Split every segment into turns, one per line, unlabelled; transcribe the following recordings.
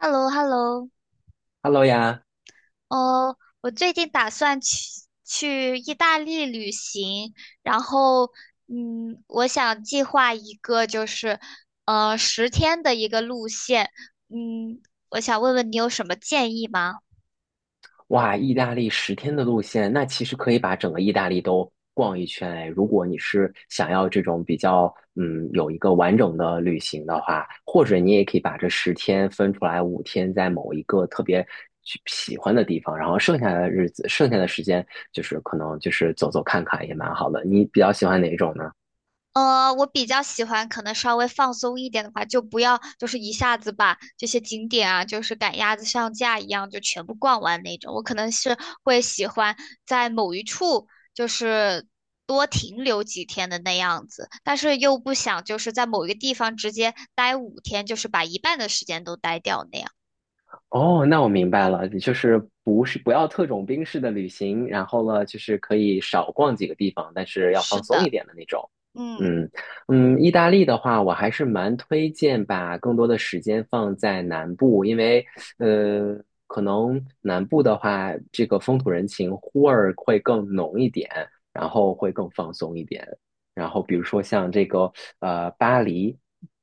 h e l l o h e l l o
Hello 呀，
哦，我最近打算去意大利旅行，然后，我想计划一个就是，十天的一个路线，嗯，我想问问你有什么建议吗？
哇，意大利十天的路线，那其实可以把整个意大利都逛一圈哎。如果你是想要这种比较，有一个完整的旅行的话，或者你也可以把这十天分出来5天，在某一个特别去喜欢的地方，然后剩下的日子，剩下的时间就是可能就是走走看看也蛮好的。你比较喜欢哪一种呢？
我比较喜欢可能稍微放松一点的话，就不要就是一下子把这些景点啊，就是赶鸭子上架一样就全部逛完那种。我可能是会喜欢在某一处就是多停留几天的那样子，但是又不想就是在某一个地方直接待5天，就是把一半的时间都待掉那样。
哦，那我明白了，就是不是不要特种兵式的旅行，然后呢，就是可以少逛几个地方，但是要
是
放松一
的，
点的那种。
嗯
嗯嗯，意大利的话，我还是蛮推荐把更多的时间放在南部，因为呃，可能南部的话，这个风土人情味儿会更浓一点，然后会更放松一点。然后比如说像这个巴黎。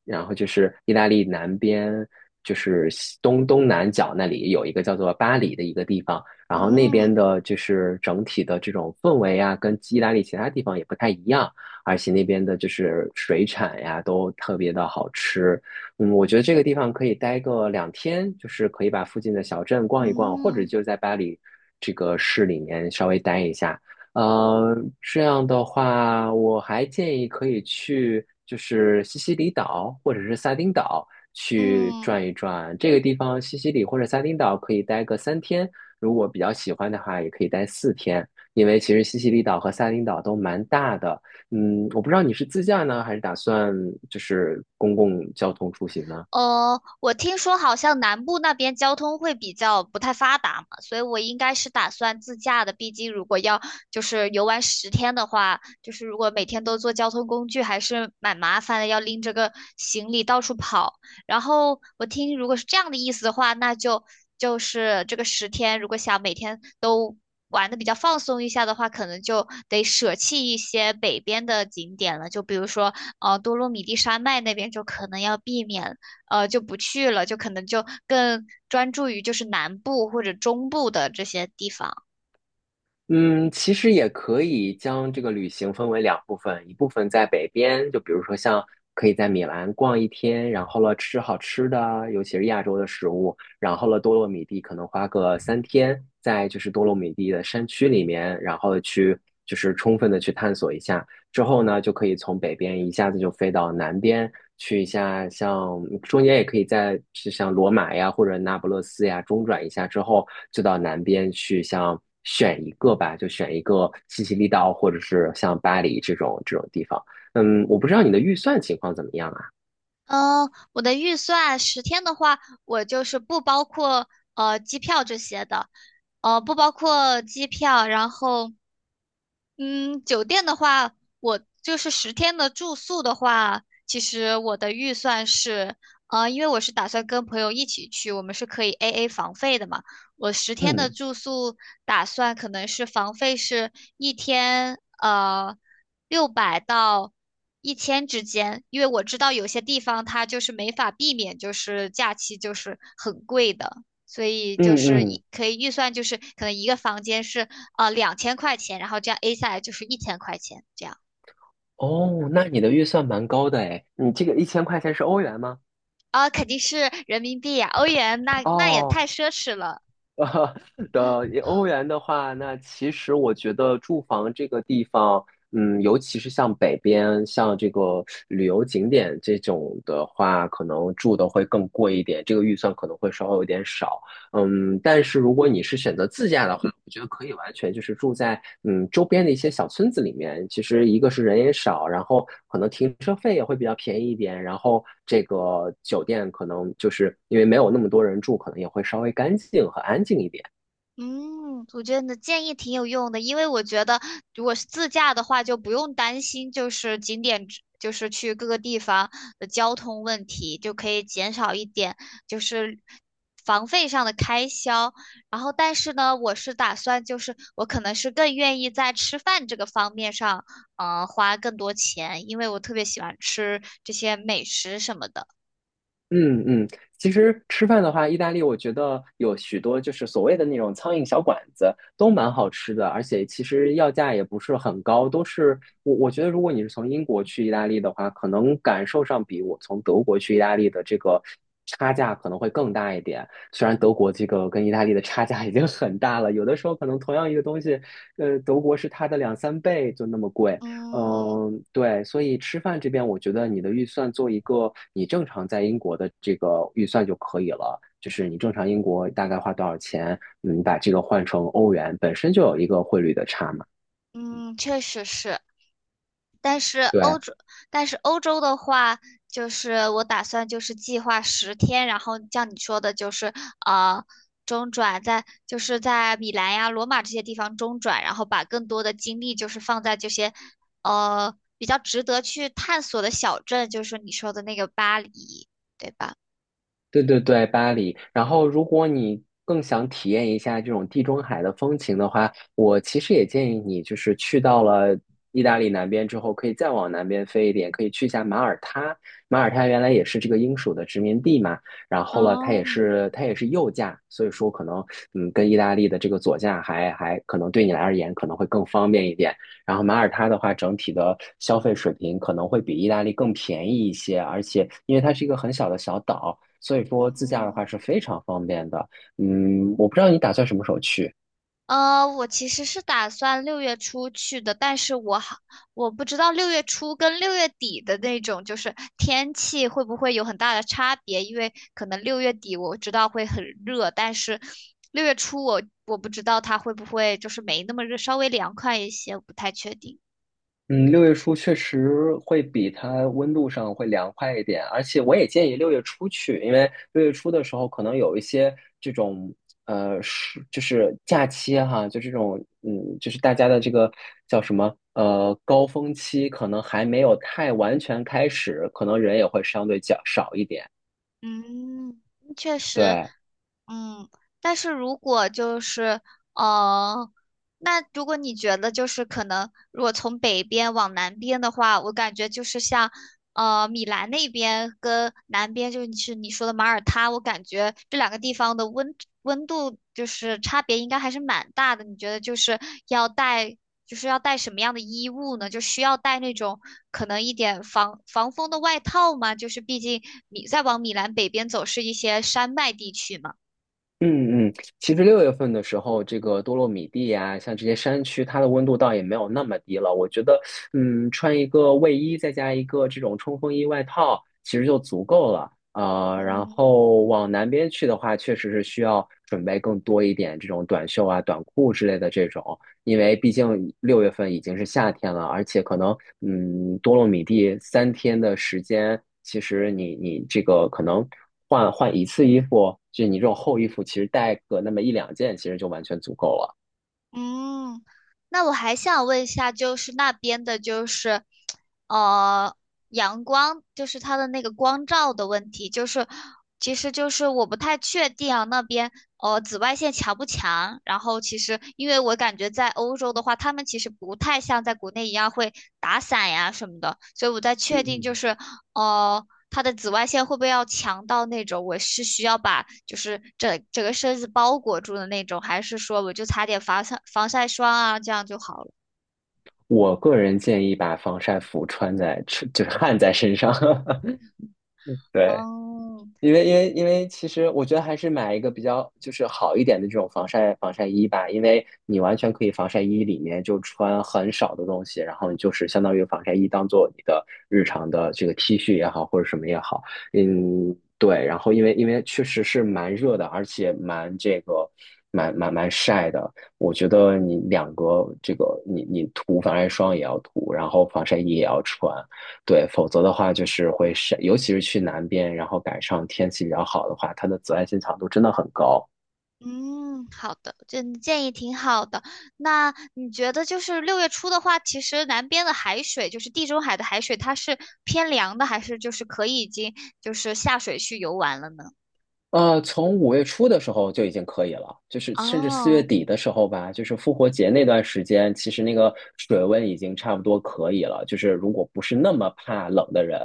然后就是意大利南边，就是西东东南角那里有一个叫做巴黎的一个地方，然后那边
嗯
的就是整体的这种氛围啊，跟意大利其他地方也不太一样，而且那边的就是水产呀都特别的好吃。我觉得这个地方可以待个2天，就是可以把附近的小镇逛一逛，或者
嗯
就在巴黎这个市里面稍微待一下。呃，这样的话，我还建议可以去就是西西里岛或者是撒丁岛去
嗯。
转一转。这个地方，西西里或者撒丁岛可以待个三天，如果比较喜欢的话，也可以待4天。因为其实西西里岛和撒丁岛都蛮大的。我不知道你是自驾呢，还是打算就是公共交通出行呢？
哦，我听说好像南部那边交通会比较不太发达嘛，所以我应该是打算自驾的。毕竟如果要就是游玩十天的话，就是如果每天都坐交通工具，还是蛮麻烦的，要拎着个行李到处跑。然后我听如果是这样的意思的话，那就就是这个十天，如果想每天都玩的比较放松一下的话，可能就得舍弃一些北边的景点了，就比如说多洛米蒂山脉那边就可能要避免。就不去了，就可能就更专注于就是南部或者中部的这些地方。
嗯，其实也可以将这个旅行分为两部分，一部分在北边，就比如说像可以在米兰逛1天，然后了吃好吃的，尤其是亚洲的食物，然后了多洛米蒂可能花个三天，在就是多洛米蒂的山区里面，然后去就是充分的去探索一下。之后呢，就可以从北边一下子就飞到南边去一下，像中间也可以在就像罗马呀或者那不勒斯呀中转一下之后，就到南边去像选一个吧，就选一个西西里岛或者是像巴黎这种地方。我不知道你的预算情况怎么样啊？
嗯，我的预算十天的话，我就是不包括机票这些的，不包括机票，然后嗯，酒店的话，我就是十天的住宿的话，其实我的预算是，因为我是打算跟朋友一起去，我们是可以 AA 房费的嘛。我十天的
嗯
住宿打算可能是房费是一天，600到1000之间，因为我知道有些地方它就是没法避免，就是假期就是很贵的。所以就
嗯
是
嗯，
可以预算就是可能一个房间是2000块钱，然后这样 A 下来就是1000块钱这样
哦，那你的预算蛮高的诶，你这个1000块钱是欧元吗？
啊，肯定是人民币呀、欧元那也太
哦
奢侈了。
呃的欧元的话，那其实我觉得住房这个地方，尤其是像北边，像这个旅游景点这种的话，可能住的会更贵一点，这个预算可能会稍微有点少。但是如果你是选择自驾的话，我觉得可以完全就是住在周边的一些小村子里面。其实一个是人也少，然后可能停车费也会比较便宜一点，然后这个酒店可能就是因为没有那么多人住，可能也会稍微干净和安静一点。
嗯，我觉得你的建议挺有用的，因为我觉得如果是自驾的话，就不用担心就是景点之就是去各个地方的交通问题，就可以减少一点就是房费上的开销。然后，但是呢，我是打算就是我可能是更愿意在吃饭这个方面上，花更多钱，因为我特别喜欢吃这些美食什么的。
嗯嗯，其实吃饭的话，意大利我觉得有许多就是所谓的那种苍蝇小馆子，都蛮好吃的，而且其实要价也不是很高，都是我觉得如果你是从英国去意大利的话，可能感受上比我从德国去意大利的这个差价可能会更大一点。虽然德国这个跟意大利的差价已经很大了，有的时候可能同样一个东西，德国是它的两三倍就那么贵，
嗯
对，所以吃饭这边，我觉得你的预算做一个你正常在英国的这个预算就可以了。就是你正常英国大概花多少钱，你把这个换成欧元，本身就有一个汇率的差嘛。
嗯，确实是。但是欧
对，
洲，但是欧洲的话，就是我打算就是计划十天，然后像你说的，就是呃中转在就是在米兰呀、罗马这些地方中转，然后把更多的精力就是放在这些比较值得去探索的小镇，就是你说的那个巴黎，对吧？
对对对，巴黎。然后，如果你更想体验一下这种地中海的风情的话，我其实也建议你，就是去到了意大利南边之后，可以再往南边飞一点，可以去一下马耳他。马耳他原来也是这个英属的殖民地嘛，然后了，它
哦，
也是它也是右驾，所以说可能跟意大利的这个左驾还可能对你来而言可能会更方便一点。然后马耳他的话，整体的消费水平可能会比意大利更便宜一些，而且因为它是一个很小的小岛，所以说自驾的话
嗯。
是非常方便的。我不知道你打算什么时候去。
我其实是打算六月初去的，但是我好，我不知道六月初跟六月底的那种就是天气会不会有很大的差别，因为可能六月底我知道会很热，但是六月初我不知道它会不会就是没那么热，稍微凉快一些，我不太确定。
嗯，六月初确实会比它温度上会凉快一点，而且我也建议六月初去，因为六月初的时候可能有一些这种是就是假期啊哈，就这种就是大家的这个叫什么高峰期，可能还没有太完全开始，可能人也会相对较少一点。
嗯，确实，
对，
嗯，但是如果就是，呃，那如果你觉得就是可能，如果从北边往南边的话，我感觉就是像，米兰那边跟南边就是你说的马耳他，我感觉这两个地方的温度就是差别应该还是蛮大的。你觉得就是要带要带什么样的衣物呢？就需要带那种可能一点防风的外套吗？就是毕竟再往米兰北边走是一些山脉地区嘛。
嗯嗯，其实六月份的时候，这个多洛米蒂呀、像这些山区，它的温度倒也没有那么低了。我觉得，穿一个卫衣，再加一个这种冲锋衣外套，其实就足够了。然
嗯，
后往南边去的话，确实是需要准备更多一点这种短袖啊、短裤之类的这种。因为毕竟六月份已经是夏天了，而且可能多洛米蒂三天的时间，其实你这个可能换一次衣服，就你这种厚衣服，其实带个那么一两件，其实就完全足够了。
嗯，那我还想问一下，就是那边的，就是呃，阳光，就是它的那个光照的问题，就是其实就是我不太确定啊，那边紫外线强不强？然后其实因为我感觉在欧洲的话，他们其实不太像在国内一样会打伞呀什么的，所以我在确定就
嗯，
是呃它的紫外线会不会要强到那种我是需要把就是整整个身子包裹住的那种，还是说我就擦点防晒霜啊，这样就好了？
我个人建议把防晒服穿在，就是焊在身上。对，
哦，
因为其实我觉得还是买一个比较就是好一点的这种防晒衣吧，因为你完全可以防晒衣里面就穿很少的东西，然后你就是相当于防晒衣当做你的日常的这个 T 恤也好或者什么也好，对。然后因为确实是蛮热的，而且蛮这个蛮晒的，我觉得你两个这个你涂防晒霜也要涂，然后防晒衣也要穿，对，否则的话就是会晒，尤其是去南边，然后赶上天气比较好的话，它的紫外线强度真的很高。
嗯，好的，这你建议挺好的。那你觉得就是六月初的话，其实南边的海水，就是地中海的海水，它是偏凉的，还是就是可以已经就是下水去游玩了呢？
从五月初的时候就已经可以了，就是甚至四月
哦。
底的时候吧，就是复活节那段时间，其实那个水温已经差不多可以了。就是如果不是那么怕冷的人，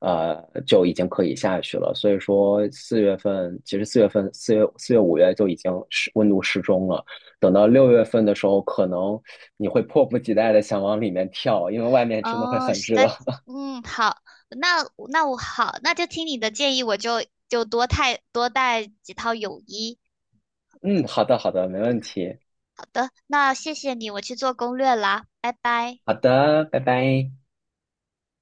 就已经可以下去了。所以说四月份，其实四月份、四月、五月就已经是温度适中了。等到六月份的时候，可能你会迫不及待的想往里面跳，因为外面真的会
哦，
很
实
热。
在，嗯，好，那那那就听你的建议，我就太多带几套泳衣。
嗯，好的，好的，没问题。
好的，那谢谢你，我去做攻略啦，拜拜。
好的，拜拜。